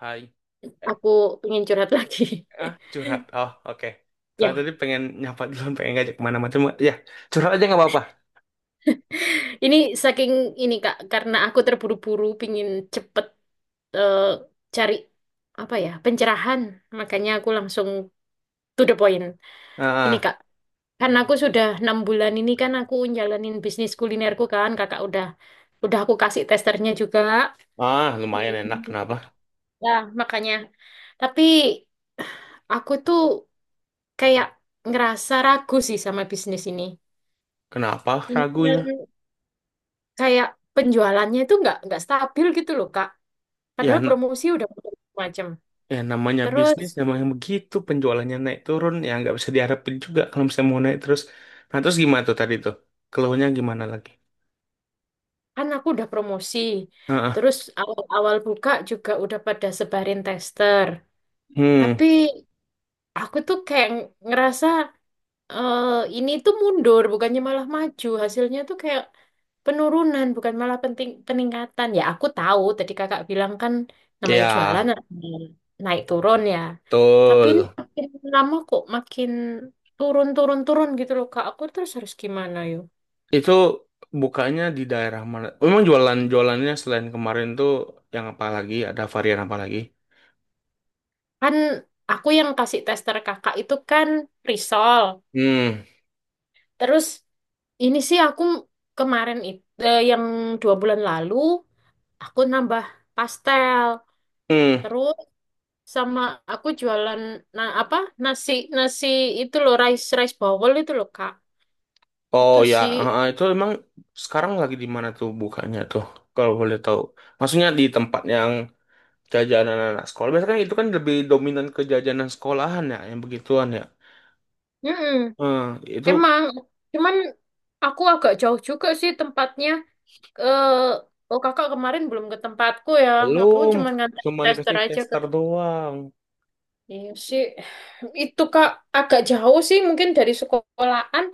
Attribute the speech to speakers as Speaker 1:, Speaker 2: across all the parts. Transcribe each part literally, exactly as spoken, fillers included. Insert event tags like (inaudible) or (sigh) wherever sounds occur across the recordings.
Speaker 1: Hai. Eh,
Speaker 2: Aku pengen curhat lagi.
Speaker 1: ah,
Speaker 2: (laughs)
Speaker 1: curhat. Oh, oke. Soalnya
Speaker 2: Ya,
Speaker 1: tadi pengen nyapa dulu, pengen ngajak kemana-mana. Cuma, ya, curhat aja nggak apa-apa.
Speaker 2: ini saking ini Kak, karena aku terburu-buru pingin cepet eh, cari apa ya pencerahan, makanya aku langsung to the point. Ini
Speaker 1: Ah,
Speaker 2: Kak, karena aku sudah enam bulan ini kan aku jalanin bisnis kulinerku kan, Kakak udah udah aku kasih testernya juga.
Speaker 1: ah, lumayan enak.
Speaker 2: Iya.
Speaker 1: Kenapa?
Speaker 2: Ya, makanya. Tapi aku tuh kayak ngerasa ragu sih sama bisnis ini.
Speaker 1: Kenapa
Speaker 2: Ini kan
Speaker 1: ragunya?
Speaker 2: kayak penjualannya itu nggak nggak stabil gitu loh Kak.
Speaker 1: Ya,
Speaker 2: Padahal
Speaker 1: na-
Speaker 2: promosi udah macam.
Speaker 1: ya namanya
Speaker 2: Terus
Speaker 1: bisnis, namanya begitu. Penjualannya naik turun, ya nggak bisa diharapin juga kalau misalnya mau naik terus. Nah, terus gimana tuh tadi tuh? Keluhnya gimana lagi?
Speaker 2: kan aku udah promosi.
Speaker 1: Ah,
Speaker 2: Terus
Speaker 1: ah.
Speaker 2: awal-awal buka juga udah pada sebarin tester.
Speaker 1: Hmm,
Speaker 2: Tapi aku tuh kayak ngerasa eh ini tuh mundur, bukannya malah maju. Hasilnya tuh kayak penurunan, bukan malah penting peningkatan. Ya aku tahu tadi kakak bilang kan namanya jualan
Speaker 1: ya,
Speaker 2: ada naik turun ya. Tapi ini
Speaker 1: betul.
Speaker 2: makin lama kok makin turun turun turun gitu loh Kak. Aku terus harus gimana yuk?
Speaker 1: Itu bukanya di daerah mana? Memang jualan jualannya selain kemarin tuh yang apa lagi? Ada varian apa lagi?
Speaker 2: Kan aku yang kasih tester kakak itu kan risol.
Speaker 1: Hmm.
Speaker 2: Terus ini sih aku kemarin itu yang dua bulan lalu aku nambah pastel.
Speaker 1: Hmm.
Speaker 2: Terus sama aku jualan nah apa nasi nasi itu loh rice rice bowl itu loh Kak.
Speaker 1: Oh
Speaker 2: Itu
Speaker 1: ya,
Speaker 2: sih.
Speaker 1: ah, ah, itu emang sekarang lagi di mana tuh bukanya tuh? Kalau boleh tahu. Maksudnya di tempat yang jajanan anak sekolah. Biasanya kan itu kan lebih dominan ke jajanan sekolahan ya, yang begituan ya.
Speaker 2: Mm-mm.
Speaker 1: Hmm, itu
Speaker 2: Emang cuman aku agak jauh juga sih tempatnya, eh oh kakak kemarin belum ke tempatku ya, aku
Speaker 1: belum,
Speaker 2: cuma nganterin
Speaker 1: cuma
Speaker 2: tester
Speaker 1: dikasih
Speaker 2: aja ke,
Speaker 1: tester doang.
Speaker 2: iya sih. Itu Kak, agak jauh sih mungkin dari sekolahan,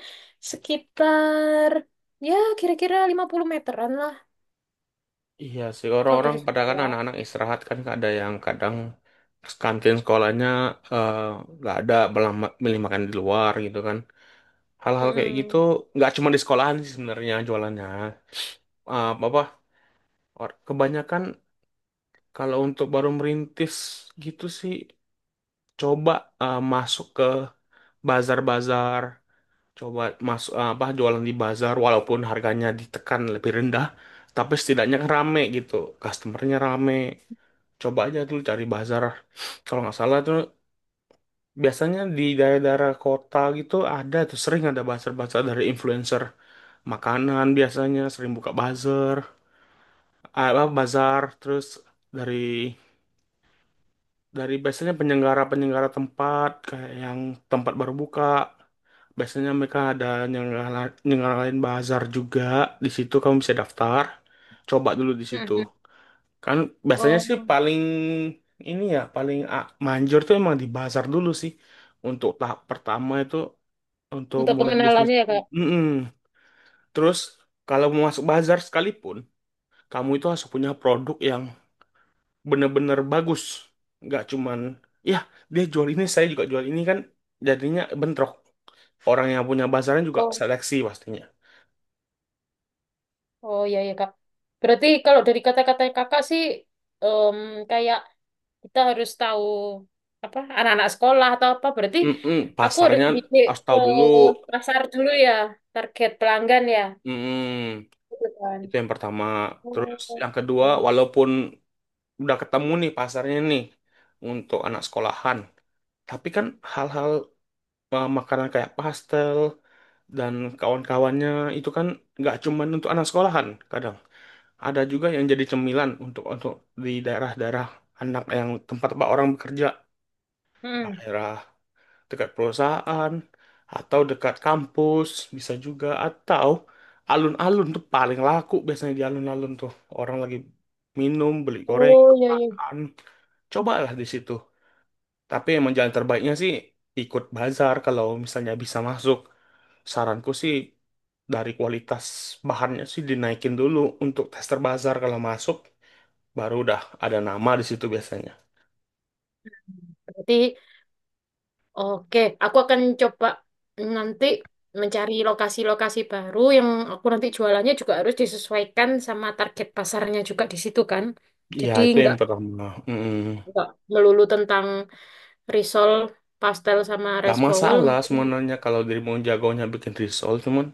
Speaker 2: sekitar ya kira-kira lima puluh meteran lah
Speaker 1: Iya sih
Speaker 2: kalau
Speaker 1: orang-orang
Speaker 2: dari
Speaker 1: pada kan
Speaker 2: sekolah.
Speaker 1: anak-anak istirahat kan ada yang kadang kantin sekolahnya eh, nggak ada malah ma- milih makan di luar gitu kan hal-hal kayak gitu
Speaker 2: Mm-mm.
Speaker 1: nggak cuma di sekolahan sih sebenarnya jualannya. Eh, apa or- kebanyakan kalau untuk baru merintis gitu sih coba eh, masuk ke bazar-bazar, coba masuk eh, apa jualan di bazar walaupun harganya ditekan lebih rendah tapi setidaknya kan rame gitu, customernya rame. Coba aja dulu cari bazar. Kalau nggak salah tuh biasanya di daerah-daerah kota gitu ada tuh sering ada bazar-bazar dari influencer makanan biasanya sering buka bazar, apa bazar, terus dari dari biasanya penyelenggara-penyelenggara tempat kayak yang tempat baru buka biasanya mereka ada nyelenggara- nyelenggarain bazar juga. Di situ kamu bisa daftar, coba dulu di situ.
Speaker 2: Mm-mm.
Speaker 1: Kan biasanya sih
Speaker 2: Oh.
Speaker 1: paling ini ya paling a- manjur tuh emang di pasar dulu sih untuk tahap pertama itu untuk
Speaker 2: Untuk
Speaker 1: mulai bisnis.
Speaker 2: pengenalannya ya, Kak.
Speaker 1: Mm-mm. Terus kalau mau masuk bazar sekalipun, kamu itu harus punya produk yang bener-bener bagus, nggak cuman ya dia jual ini saya juga jual ini kan jadinya bentrok. Orang yang punya bazarnya juga
Speaker 2: Oh,
Speaker 1: seleksi pastinya.
Speaker 2: oh ya ya, Kak. Berarti kalau dari kata-kata Kakak sih, em, kayak kita harus tahu apa anak-anak sekolah atau apa. Berarti
Speaker 1: Mm-mm.
Speaker 2: aku harus
Speaker 1: Pasarnya
Speaker 2: bidik
Speaker 1: harus
Speaker 2: ke
Speaker 1: tahu dulu.
Speaker 2: pasar dulu ya, target pelanggan ya.
Speaker 1: Mm-mm.
Speaker 2: Gitu kan.
Speaker 1: Itu yang pertama. Terus
Speaker 2: Oh, oh,
Speaker 1: yang kedua,
Speaker 2: oh.
Speaker 1: walaupun udah ketemu nih pasarnya nih untuk anak sekolahan. Tapi kan hal-hal eh, makanan kayak pastel dan kawan-kawannya itu kan nggak cuman untuk anak sekolahan. Kadang ada juga yang jadi cemilan untuk untuk di daerah-daerah anak yang tempat tempat orang bekerja,
Speaker 2: Mm.
Speaker 1: daerah dekat perusahaan atau dekat kampus bisa juga, atau alun-alun tuh paling laku biasanya di alun-alun tuh orang lagi minum, beli goreng,
Speaker 2: Oh, ya ya.
Speaker 1: makan. Cobalah di situ. Tapi emang jalan terbaiknya sih ikut bazar kalau misalnya bisa masuk. Saranku sih dari kualitas bahannya sih dinaikin dulu untuk tester bazar, kalau masuk baru udah ada nama di situ biasanya.
Speaker 2: Berarti, oke, aku akan coba nanti mencari lokasi-lokasi baru yang aku nanti jualannya juga harus disesuaikan sama target pasarnya juga di situ kan.
Speaker 1: Ya
Speaker 2: Jadi
Speaker 1: itu yang
Speaker 2: nggak
Speaker 1: pertama. Mm.
Speaker 2: nggak melulu tentang risol, pastel sama
Speaker 1: Gak
Speaker 2: rice bowl
Speaker 1: masalah
Speaker 2: mungkin.
Speaker 1: sebenarnya kalau dirimu jagonya bikin risol, cuman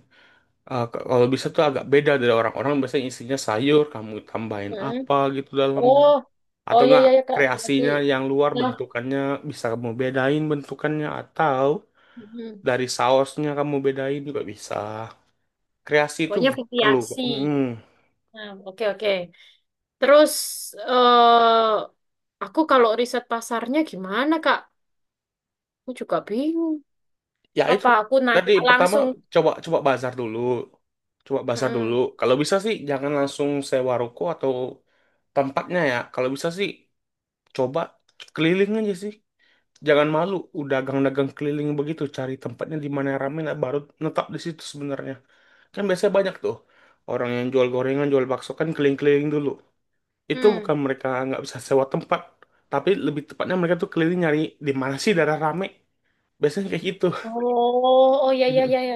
Speaker 1: eh, k- kalau bisa tuh agak beda dari orang-orang, biasanya isinya sayur kamu tambahin
Speaker 2: Mm.
Speaker 1: apa gitu dalamnya,
Speaker 2: Oh,
Speaker 1: atau
Speaker 2: oh ya
Speaker 1: enggak
Speaker 2: ya ya Kak, berarti.
Speaker 1: kreasinya yang luar
Speaker 2: Nah,
Speaker 1: bentukannya, bisa kamu bedain bentukannya, atau
Speaker 2: mm,
Speaker 1: dari sausnya kamu bedain juga bisa. Kreasi itu
Speaker 2: pokoknya
Speaker 1: perlu.
Speaker 2: variasi.
Speaker 1: Hmm.
Speaker 2: Nah, oke oke. Terus eh aku kalau riset pasarnya gimana Kak? Aku juga bingung.
Speaker 1: Ya itu
Speaker 2: Apa aku
Speaker 1: tadi
Speaker 2: nanya
Speaker 1: pertama,
Speaker 2: langsung?
Speaker 1: coba coba bazar dulu, coba bazar dulu.
Speaker 2: Hmm.
Speaker 1: Kalau bisa sih jangan langsung sewa ruko atau tempatnya ya. Kalau bisa sih coba keliling aja sih, jangan malu, udah dagang-dagang keliling begitu cari tempatnya di mana yang rame, nah, baru netap di situ. Sebenarnya kan biasanya banyak tuh orang yang jual gorengan, jual bakso kan keliling-keliling dulu, itu
Speaker 2: Hmm.
Speaker 1: bukan mereka nggak bisa sewa tempat, tapi lebih tepatnya mereka tuh keliling nyari di mana sih daerah rame. Biasanya kayak gitu.
Speaker 2: Oh, oh ya ya ya
Speaker 1: (laughs)
Speaker 2: ya.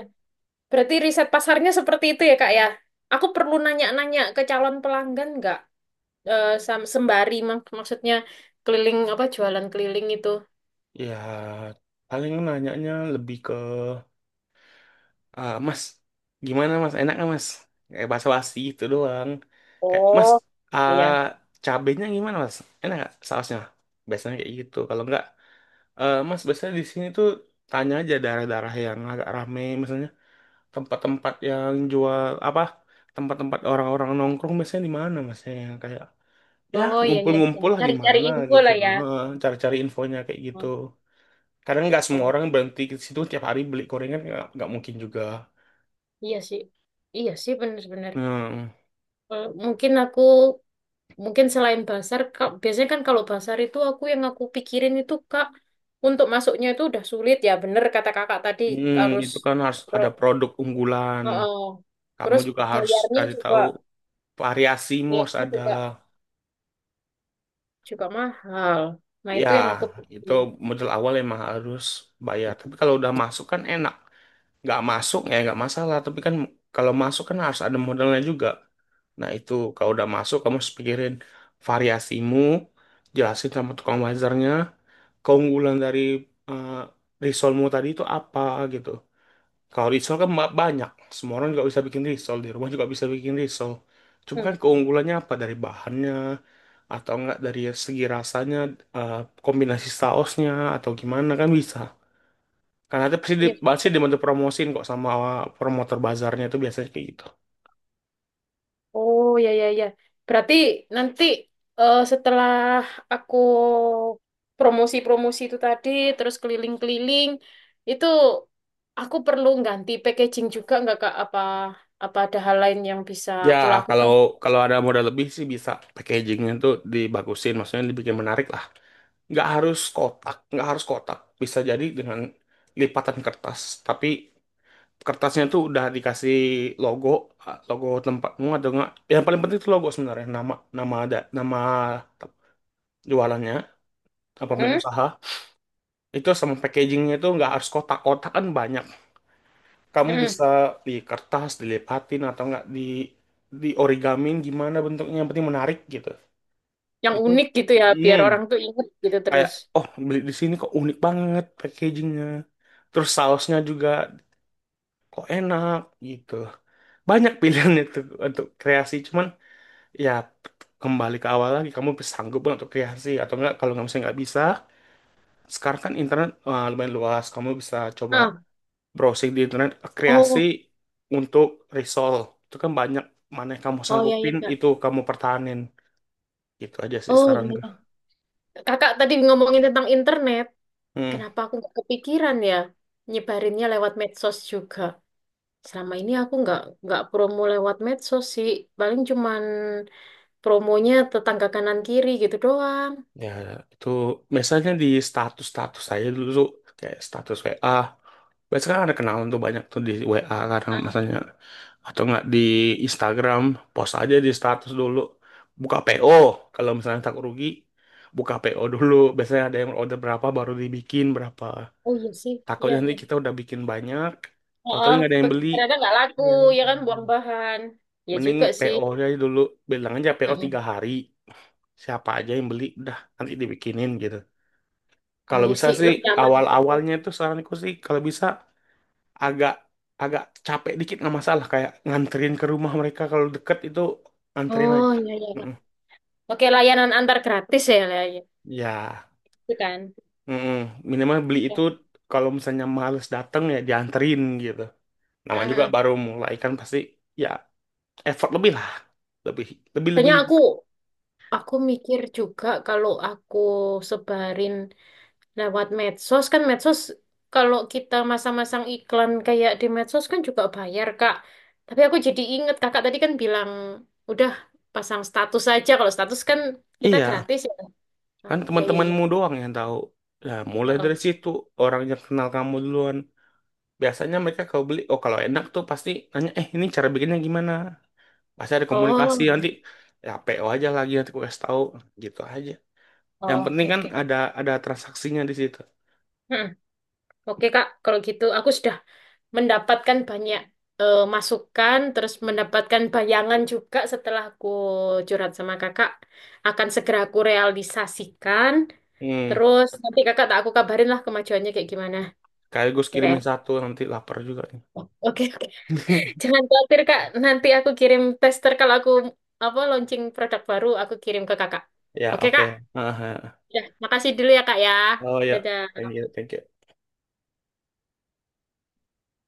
Speaker 2: Berarti riset pasarnya seperti itu ya, Kak ya? Aku perlu nanya-nanya ke calon pelanggan nggak? Eh, sam- sembari mak- maksudnya keliling apa jualan keliling itu.
Speaker 1: Ya, paling nanyanya lebih ke, "Ah, Mas, gimana Mas? Enak nggak Mas?" Kayak basa-basi itu doang. Kayak, "Mas,
Speaker 2: Oh, iya,
Speaker 1: ah,
Speaker 2: ya.
Speaker 1: cabenya gimana Mas? Enak nggak sausnya?" Biasanya kayak gitu. Kalau nggak, "Eh, Mas, biasanya di sini tuh," tanya aja daerah-daerah yang agak rame, misalnya tempat-tempat yang jual apa, tempat-tempat orang-orang nongkrong biasanya di mana mas ya, yang kayak ya
Speaker 2: Oh iya iya. Ya.
Speaker 1: ngumpul-ngumpul lah di
Speaker 2: Cari-cari
Speaker 1: mana
Speaker 2: info
Speaker 1: gitu.
Speaker 2: lah ya.
Speaker 1: Heeh, cari-cari infonya kayak gitu.
Speaker 2: Oh,
Speaker 1: Kadang nggak semua
Speaker 2: oh,
Speaker 1: orang berhenti ke situ tiap hari beli gorengan, nggak nggak mungkin juga.
Speaker 2: iya sih. Iya sih bener-bener.
Speaker 1: Hmm.
Speaker 2: Eh, mungkin aku. Mungkin selain basar, Kak, biasanya kan kalau basar itu aku yang aku pikirin itu Kak, untuk masuknya itu udah sulit ya, bener kata Kakak tadi.
Speaker 1: Hmm,
Speaker 2: Harus,
Speaker 1: itu kan harus
Speaker 2: Bro,
Speaker 1: ada produk unggulan,
Speaker 2: heeh.
Speaker 1: kamu
Speaker 2: Terus
Speaker 1: juga harus
Speaker 2: bayarnya
Speaker 1: cari
Speaker 2: juga,
Speaker 1: tahu, variasimu harus
Speaker 2: bayarnya
Speaker 1: ada.
Speaker 2: juga juga mahal. Nah,
Speaker 1: Ya
Speaker 2: itu yang aku
Speaker 1: itu
Speaker 2: pikirin.
Speaker 1: modal awal emang harus bayar, tapi kalau udah masuk kan enak, nggak masuk ya nggak masalah, tapi kan kalau masuk kan harus ada modalnya juga. Nah itu kalau udah masuk kamu harus pikirin variasimu, jelasin sama tukang bazarnya keunggulan dari eh, risolmu tadi itu apa gitu. Kalau risol kan ba- banyak, semua orang juga bisa bikin risol, di rumah juga bisa bikin risol, cuma kan
Speaker 2: Hmm.
Speaker 1: keunggulannya apa, dari bahannya atau enggak dari segi rasanya, eh, kombinasi sausnya atau gimana kan bisa, karena itu pasti di,
Speaker 2: Iya.
Speaker 1: pasti dibantu promosiin kok sama promotor bazarnya. Itu biasanya kayak gitu.
Speaker 2: Oh ya ya ya. Berarti nanti, eh, setelah aku promosi-promosi itu tadi, terus keliling-keliling, itu aku perlu ganti packaging juga nggak Kak? Apa apa ada hal lain yang bisa
Speaker 1: Ya,
Speaker 2: aku
Speaker 1: kalau
Speaker 2: lakukan?
Speaker 1: kalau ada modal lebih sih bisa packagingnya tuh dibagusin, maksudnya dibikin menarik lah. Nggak harus kotak, nggak harus kotak. Bisa jadi dengan lipatan kertas, tapi kertasnya tuh udah dikasih logo, ah, logo tempatmu atau enggak. Yang paling penting itu logo sebenarnya, nama nama ada nama te- jualannya apa pemilik
Speaker 2: Mm-mm.
Speaker 1: usaha. Itu sama packagingnya tuh nggak harus kotak-kotak kan banyak. Kamu
Speaker 2: Mm-mm.
Speaker 1: bisa di kertas, dilipatin atau enggak di di origamin gimana bentuknya yang penting menarik gitu.
Speaker 2: Yang
Speaker 1: Itu
Speaker 2: unik gitu ya,
Speaker 1: mm,
Speaker 2: biar orang tuh inget gitu
Speaker 1: kayak,
Speaker 2: terus.
Speaker 1: "Oh, beli di sini kok unik banget packagingnya. Terus sausnya juga kok enak gitu." Banyak pilihan (laughs) itu untuk kreasi, cuman ya kembali ke awal lagi, kamu sanggup nggak untuk kreasi atau enggak. Kalau nggak misalnya nggak bisa, sekarang kan internet eh, lumayan luas, kamu bisa coba
Speaker 2: Ah,
Speaker 1: browsing di internet kreasi
Speaker 2: oh,
Speaker 1: untuk resolve itu kan banyak. Mana yang kamu
Speaker 2: oh ya ya
Speaker 1: sanggupin
Speaker 2: Kak.
Speaker 1: itu kamu pertahanin. Gitu aja sih
Speaker 2: Oh ya
Speaker 1: saran gue.
Speaker 2: ya. Kakak tadi ngomongin tentang internet,
Speaker 1: Hmm.
Speaker 2: kenapa aku nggak kepikiran ya nyebarinnya lewat medsos juga? Selama ini aku nggak nggak promo lewat medsos sih, paling cuman promonya tetangga kanan kiri gitu doang.
Speaker 1: Ya itu biasanya di status status saya dulu tuh, kayak status W A, biasanya kan ada kenalan tuh banyak tuh di W A karena
Speaker 2: Ah,
Speaker 1: misalnya, atau nggak di Instagram, post aja di status dulu, buka P O. Kalau misalnya takut rugi, buka P O dulu, biasanya ada yang order berapa baru dibikin berapa.
Speaker 2: oh iya sih, iya
Speaker 1: Takutnya nanti
Speaker 2: iya.
Speaker 1: kita udah bikin banyak, tahu
Speaker 2: Oh,
Speaker 1: nggak ada yang beli.
Speaker 2: ternyata nggak laku,
Speaker 1: Iya.
Speaker 2: ya kan buang bahan. Ya
Speaker 1: Mending
Speaker 2: juga sih.
Speaker 1: P O nya dulu, bilang aja P O tiga
Speaker 2: Mm-mm.
Speaker 1: hari. Siapa aja yang beli, udah nanti dibikinin gitu.
Speaker 2: Oh
Speaker 1: Kalau
Speaker 2: iya
Speaker 1: bisa
Speaker 2: sih,
Speaker 1: sih
Speaker 2: lebih aman gitu.
Speaker 1: awal-awalnya itu saranku sih kalau bisa agak agak capek dikit nggak masalah, kayak nganterin ke rumah mereka kalau deket itu anterin
Speaker 2: Oh
Speaker 1: aja.
Speaker 2: iya iya, iya.
Speaker 1: Mm-mm.
Speaker 2: Oke, layanan antar gratis ya, lah, ya.
Speaker 1: Ya,
Speaker 2: Itu kan.
Speaker 1: mm-mm. Minimal beli itu
Speaker 2: Ya.
Speaker 1: kalau misalnya males dateng ya dianterin gitu. Namanya juga
Speaker 2: Mm-mm.
Speaker 1: baru mulai kan pasti ya, effort lebih lah, lebih, lebih, lebih.
Speaker 2: Soalnya aku aku mikir juga kalau aku sebarin lewat medsos kan medsos, kalau kita masang-masang iklan kayak di medsos kan juga bayar Kak. Tapi aku jadi inget Kakak tadi kan bilang udah pasang status aja. Kalau status kan kita
Speaker 1: Iya,
Speaker 2: gratis ya.
Speaker 1: kan
Speaker 2: Oh, iya iya iya.
Speaker 1: teman-temanmu doang yang tahu. Nah mulai dari
Speaker 2: Oh,
Speaker 1: situ, orang yang kenal kamu duluan biasanya mereka kalau beli, oh kalau enak tuh pasti nanya, "Eh, ini cara bikinnya gimana?" Pasti ada
Speaker 2: oh.
Speaker 1: komunikasi
Speaker 2: Oh,
Speaker 1: nanti,
Speaker 2: benar.
Speaker 1: ya P O aja lagi nanti aku kasih tahu, gitu aja. Yang
Speaker 2: Oh, oke
Speaker 1: penting kan
Speaker 2: oke.
Speaker 1: ada ada transaksinya di situ.
Speaker 2: Hmm. Oke Kak, kalau gitu aku sudah mendapatkan banyak, eh, masukan, terus mendapatkan bayangan juga setelah aku curhat sama kakak, akan segera aku realisasikan.
Speaker 1: Hmm,
Speaker 2: Terus nanti kakak tak aku kabarin lah kemajuannya kayak gimana.
Speaker 1: sekaligus
Speaker 2: Ya kayak.
Speaker 1: kirimin satu nanti lapar juga nih.
Speaker 2: Oke, oke.
Speaker 1: (laughs)
Speaker 2: Jangan khawatir Kak. Nanti aku kirim tester kalau aku apa launching produk baru aku kirim ke kakak.
Speaker 1: Ya
Speaker 2: Oke
Speaker 1: oke.
Speaker 2: Kak.
Speaker 1: Aha.
Speaker 2: Ya, makasih dulu ya Kak ya.
Speaker 1: Oh ya,
Speaker 2: Dadah.
Speaker 1: thank you thank you.